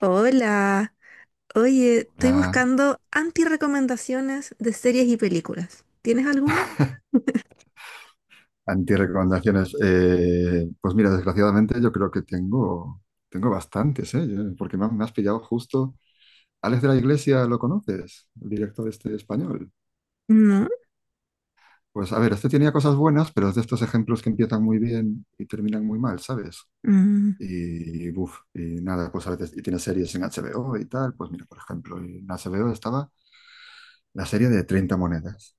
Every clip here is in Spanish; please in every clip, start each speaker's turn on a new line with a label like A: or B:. A: Hola, oye, estoy
B: Para
A: buscando anti-recomendaciones de series y películas. ¿Tienes alguna?
B: antirecomendaciones. Pues mira, desgraciadamente yo creo que tengo bastantes, ¿eh? Porque has me has pillado justo. Alex de la Iglesia, ¿lo conoces? El director este español.
A: No.
B: Pues a ver, este tenía cosas buenas, pero es de estos ejemplos que empiezan muy bien y terminan muy mal, ¿sabes?
A: Mm.
B: Y, buf, y nada, pues a veces, y tiene series en HBO y tal, pues mira, por ejemplo, en HBO estaba la serie de 30 monedas.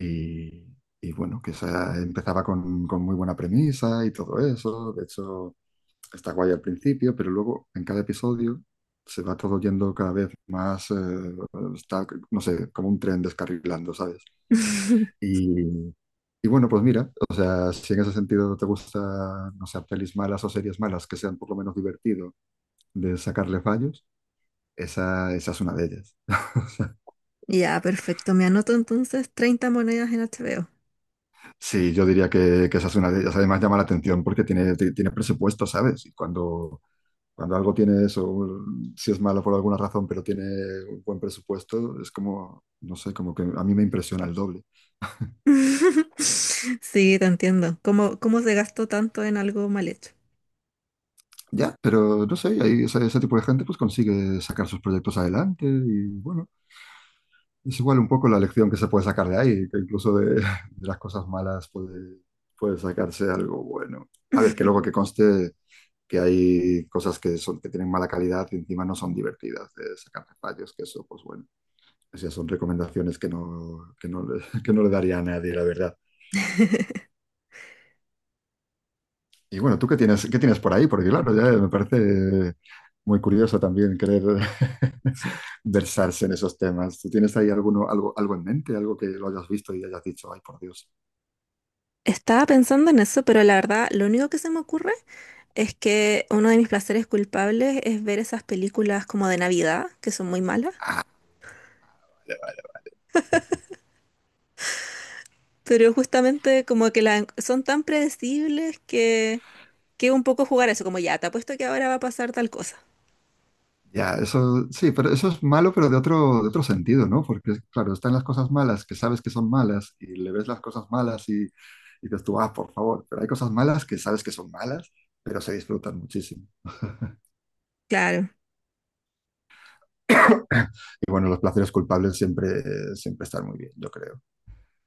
B: Y, y bueno, que esa empezaba con muy buena premisa y todo eso. De hecho, está guay al principio, pero luego en cada episodio se va todo yendo cada vez más, está, no sé, como un tren descarrilando, ¿sabes? Y, y bueno, pues mira, o sea, si en ese sentido te gusta, no sé, pelis malas o series malas que sean por lo menos divertido de sacarle fallos, esa es una de ellas.
A: Ya, perfecto. Me anoto entonces treinta monedas en HBO.
B: Sí, yo diría que esa es una de ellas. Además llama la atención porque tiene, tiene presupuesto, ¿sabes? Cuando algo tiene eso, si es malo por alguna razón, pero tiene un buen presupuesto, es como, no sé, como que a mí me impresiona el doble.
A: Sí, te entiendo. ¿Cómo se gastó tanto en algo mal hecho?
B: Ya, pero no sé, ese tipo de gente pues consigue sacar sus proyectos adelante y bueno, es igual un poco la lección que se puede sacar de ahí, que incluso de, de las cosas malas puede sacarse algo bueno. A ver, que luego que conste que hay cosas que son, que tienen mala calidad y encima no son divertidas de sacar fallos, que eso, pues bueno, o sea, son recomendaciones que no, le- que no le daría a nadie, la verdad. Y bueno, ¿tú qué tienes por ahí? Porque claro, ya me parece muy curioso también querer versarse en esos temas. ¿Tú tienes ahí alguno, algo, algo en mente, algo que lo hayas visto y hayas dicho, ay, por Dios?
A: Estaba pensando en eso, pero la verdad, lo único que se me ocurre es que uno de mis placeres culpables es ver esas películas como de Navidad, que son muy malas.
B: Vale, vale.
A: Pero justamente como que son tan predecibles que un poco jugar a eso, como ya, te apuesto que ahora va a pasar tal cosa.
B: Ya, eso sí, pero eso es malo, pero de de otro sentido, ¿no? Porque, claro, están las cosas malas que sabes que son malas y le ves las cosas malas y dices tú, ah, por favor, pero hay cosas malas que sabes que son malas, pero se disfrutan muchísimo.
A: Claro.
B: Y bueno, los placeres culpables siempre están muy bien, yo creo.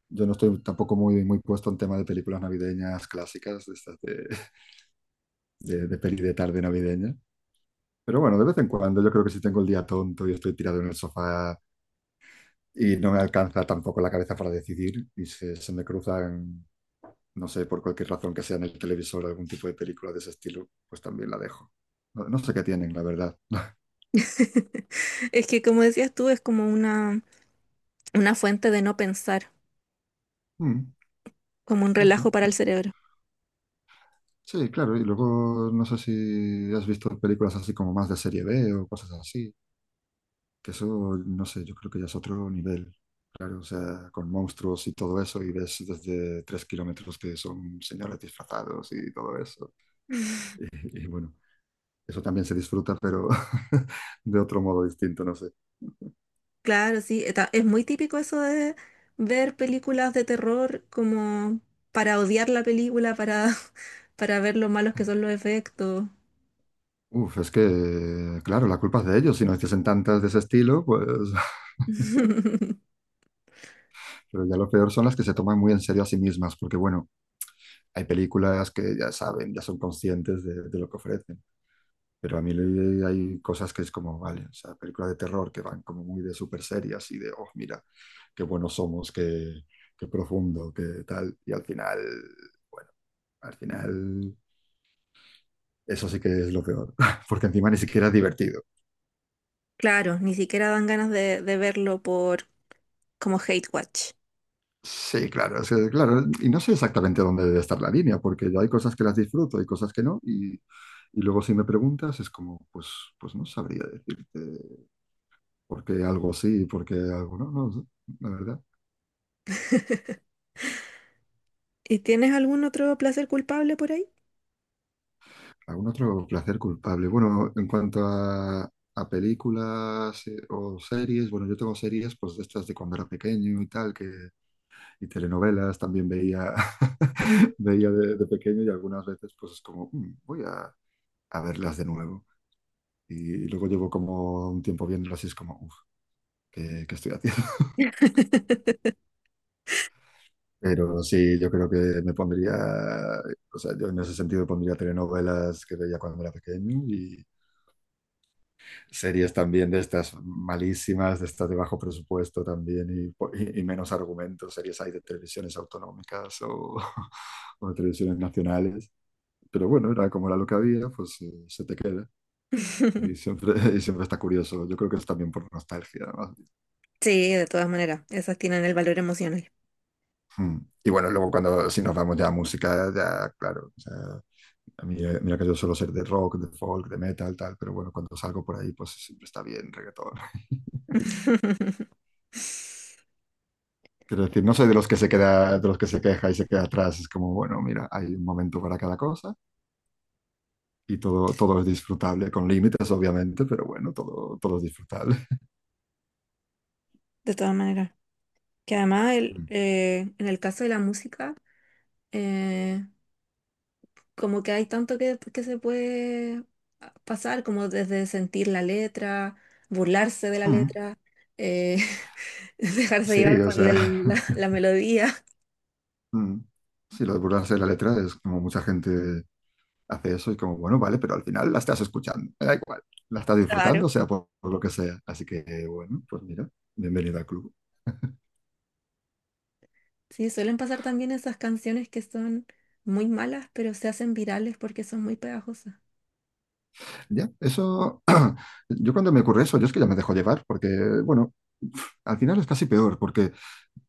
B: Yo no estoy tampoco muy puesto en tema de películas navideñas clásicas, de peli de tarde navideña. Pero bueno, de vez en cuando yo creo que si tengo el día tonto y estoy tirado en el sofá y no me alcanza tampoco la cabeza para decidir y se me cruzan, no sé, por cualquier razón que sea en el televisor algún tipo de película de ese estilo, pues también la dejo. No sé qué tienen, la verdad.
A: Es que como decías tú, es como una fuente de no pensar,
B: Mm.
A: como un
B: No sé.
A: relajo para el cerebro.
B: Sí, claro, y luego no sé si has visto películas así como más de serie B o cosas así, que eso, no sé, yo creo que ya es otro nivel, claro, o sea, con monstruos y todo eso, y ves desde 3 kilómetros que son señores disfrazados y todo eso. Y bueno, eso también se disfruta, pero de otro modo distinto, no sé.
A: Claro, sí, es muy típico eso de ver películas de terror como para odiar la película, para, para ver lo malos que son los efectos.
B: Uf, es que, claro, la culpa es de ellos, si no hiciesen tantas de ese estilo, pues, pero ya lo peor son las que se toman muy en serio a sí mismas, porque bueno, hay películas que ya saben, ya son conscientes de lo que ofrecen. Pero a mí hay cosas que es como, vale, o sea, películas de terror que van como muy de súper serias y de, oh, mira, qué buenos somos, qué profundo, qué tal. Bueno, Al final eso sí que es lo peor, porque encima ni siquiera es divertido.
A: Claro, ni siquiera dan ganas de verlo por como hate watch.
B: Sí, claro, claro, y no sé exactamente dónde debe estar la línea, porque yo hay cosas que las disfruto, hay cosas que no, y luego si me preguntas es como, pues no sabría decirte porque algo sí, porque algo no, la verdad.
A: ¿Y tienes algún otro placer culpable por ahí?
B: ¿Algún otro placer culpable? Bueno, en cuanto a películas o series, bueno, yo tengo series pues de estas de cuando era pequeño y tal, y telenovelas también veía,
A: Mm.
B: veía de pequeño y algunas veces pues es como, "Mm, a verlas de nuevo." Y luego llevo como un tiempo viéndolas y es como, uff, ¿qué, qué estoy haciendo? Pero sí, yo creo que me pondría, o sea, yo en ese sentido pondría telenovelas que veía cuando era pequeño y series también de estas malísimas, de estas de bajo presupuesto también y menos argumentos, series hay de televisiones autonómicas o, o de televisiones nacionales. Pero bueno, era como era lo que había, pues se te queda y siempre, y siempre está curioso. Yo creo que es también por nostalgia.
A: Sí, de todas maneras, esas tienen el valor emocional.
B: Mm. Y bueno, luego cuando si nos vamos ya a música, ya claro, o sea, a mí, mira que yo suelo ser de rock, de folk, de metal, tal, pero bueno, cuando salgo por ahí, pues siempre está bien reggaetón. Quiero decir, no soy de los que se queda, de los que se queja y se queda atrás. Es como, bueno, mira, hay un momento para cada cosa y todo es disfrutable, con límites, obviamente, pero bueno, todo es disfrutable.
A: De todas maneras. Que además
B: Mm.
A: en el caso de la música, eh, como que hay tanto que se puede pasar, como desde sentir la letra, burlarse de la
B: Mm.
A: letra, eh, dejarse
B: Sí,
A: llevar
B: o
A: por
B: sea,
A: la melodía,
B: mm, sí, lo de burlarse de la letra es como mucha gente hace eso y como, bueno, vale, pero al final la estás escuchando, me da igual, la estás
A: claro.
B: disfrutando, sea por lo que sea. Así que, bueno, pues mira, bienvenida al club.
A: Sí, suelen pasar también esas canciones que son muy malas, pero se hacen virales porque son muy pegajosas.
B: Ya, eso, yo cuando me ocurre eso, yo es que ya me dejo llevar, porque, bueno, al final es casi peor, porque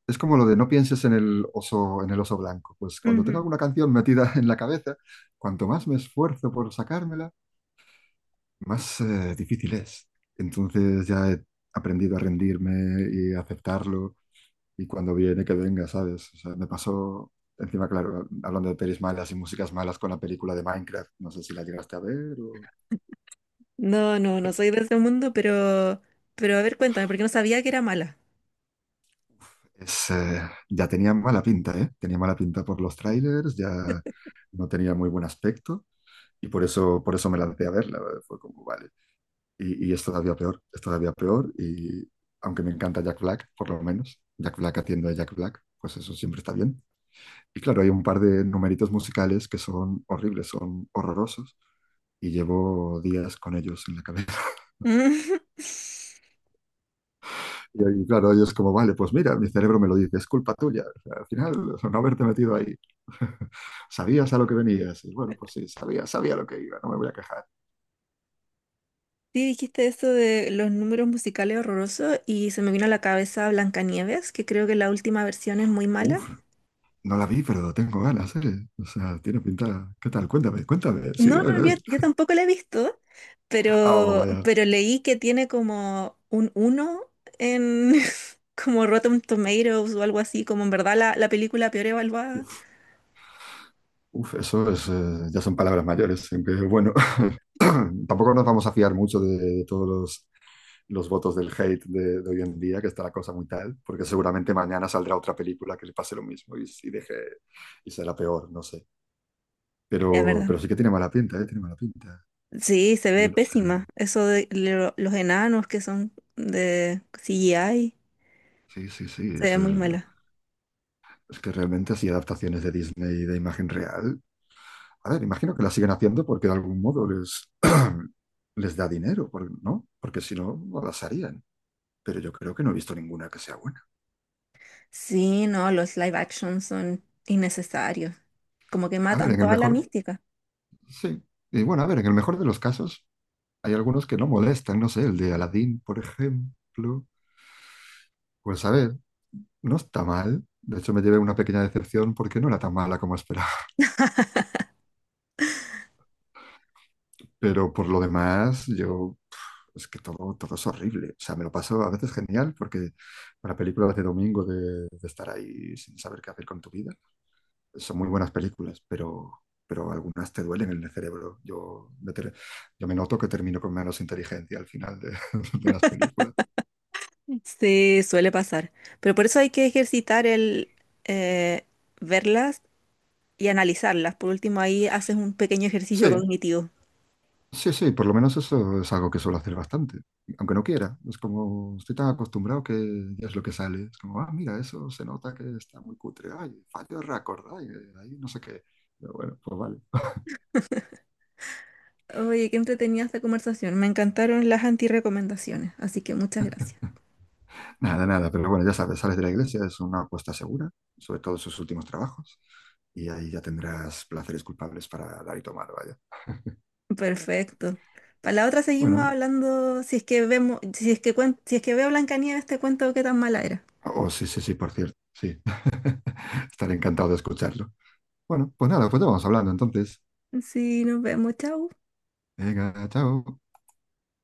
B: es como lo de no pienses en el oso blanco. Pues cuando tengo
A: Ujú.
B: alguna canción metida en la cabeza, cuanto más me esfuerzo por sacármela, más difícil es. Entonces ya he aprendido a rendirme y a aceptarlo. Y cuando viene, que venga, ¿sabes? O sea, me pasó, encima, claro, hablando de pelis malas y músicas malas con la película de Minecraft, no sé si la llegaste a ver.
A: No soy de ese mundo, pero a ver, cuéntame, porque no sabía que era mala.
B: Es, ya tenía mala pinta, ¿eh? Tenía mala pinta por los trailers, ya no tenía muy buen aspecto por eso me lancé a verla. ¿Vale? Fue como, vale. Y es todavía peor y aunque me encanta Jack Black, por lo menos, Jack Black haciendo a Jack Black, pues eso siempre está bien. Y claro, hay un par de numeritos musicales que son horribles, son horrorosos y llevo días con ellos en la cabeza.
A: Mm.
B: Y, ahí, claro, ellos como, vale, pues mira, mi cerebro me lo dice, es culpa tuya. O sea, al final, o sea, no haberte metido ahí. Sabías a lo que venías. Y bueno, pues sí, sabía lo que iba, no me voy a quejar.
A: Sí, dijiste eso de los números musicales horrorosos y se me vino a la cabeza Blancanieves, que creo que la última versión es muy mala.
B: Uf, no la vi, pero tengo ganas, ¿eh? O sea, tiene pinta. ¿Qué tal? Cuéntame, cuéntame. Sí,
A: No, no,
B: bueno, eh.
A: yo, yo tampoco la he visto,
B: Oh, vaya.
A: pero leí que tiene como un uno en como Rotten Tomatoes o algo así, como en verdad la película peor evaluada.
B: Uf. Uf, eso es, ya son palabras mayores, aunque bueno, tampoco nos vamos a fiar mucho de todos los votos del hate hoy en día, que está la cosa muy tal, porque seguramente mañana saldrá otra película que le pase lo mismo y deje y será peor, no sé.
A: Es verdad.
B: Pero sí que tiene mala pinta, ¿eh? Tiene mala pinta.
A: Sí, se ve
B: Yo no sé.
A: pésima. Eso de los enanos que son de CGI,
B: Sí, sí, sí.
A: se ve muy mala.
B: Es que realmente así adaptaciones de Disney de imagen real. A ver, imagino que la siguen haciendo porque de algún modo les, les da dinero, ¿no? Porque si no, no las harían. Pero yo creo que no he visto ninguna que sea buena.
A: Sí, no, los live action son innecesarios. Como que
B: A ver,
A: matan
B: en el
A: toda la
B: mejor.
A: mística.
B: Sí. Y bueno, a ver, en el mejor de los casos, hay algunos que no molestan, no sé, el de Aladdin, por ejemplo. Pues a ver, no está mal. De hecho, me llevé una pequeña decepción porque no era tan mala como esperaba. Pero por lo demás, yo... Es que todo es horrible. O sea, me lo paso a veces genial porque para películas de domingo de estar ahí sin saber qué hacer con tu vida, son muy buenas películas, pero algunas te duelen en el cerebro. Yo me noto que termino con menos inteligencia al final de de las películas.
A: Sí, suele pasar. Pero por eso hay que ejercitar el eh, verlas y analizarlas. Por último, ahí haces un pequeño ejercicio
B: Sí,
A: cognitivo.
B: sí, sí, por lo menos eso es algo que suelo hacer bastante, aunque no quiera. Es como estoy tan acostumbrado que ya es lo que sale. Es como, ah, mira, eso se nota que está muy cutre. Ay, fallo de récord, ay, ahí no sé qué. Pero bueno, pues vale.
A: Oye, qué entretenida esta conversación. Me encantaron las antirecomendaciones, así que muchas gracias.
B: Nada, nada, pero bueno, ya sabes, sales de la iglesia, es una apuesta segura, sobre todo en sus últimos trabajos, y ahí ya tendrás placeres culpables para dar y tomar, vaya.
A: Perfecto. Para la otra seguimos
B: Bueno,
A: hablando, si es que vemos, si es que veo Blancanieves, te cuento qué tan mala era.
B: oh, sí, sí, sí, por cierto, sí. Estaré encantado de escucharlo. Bueno, pues nada, pues ya vamos hablando entonces.
A: Sí, nos vemos. Chau.
B: Venga, chao.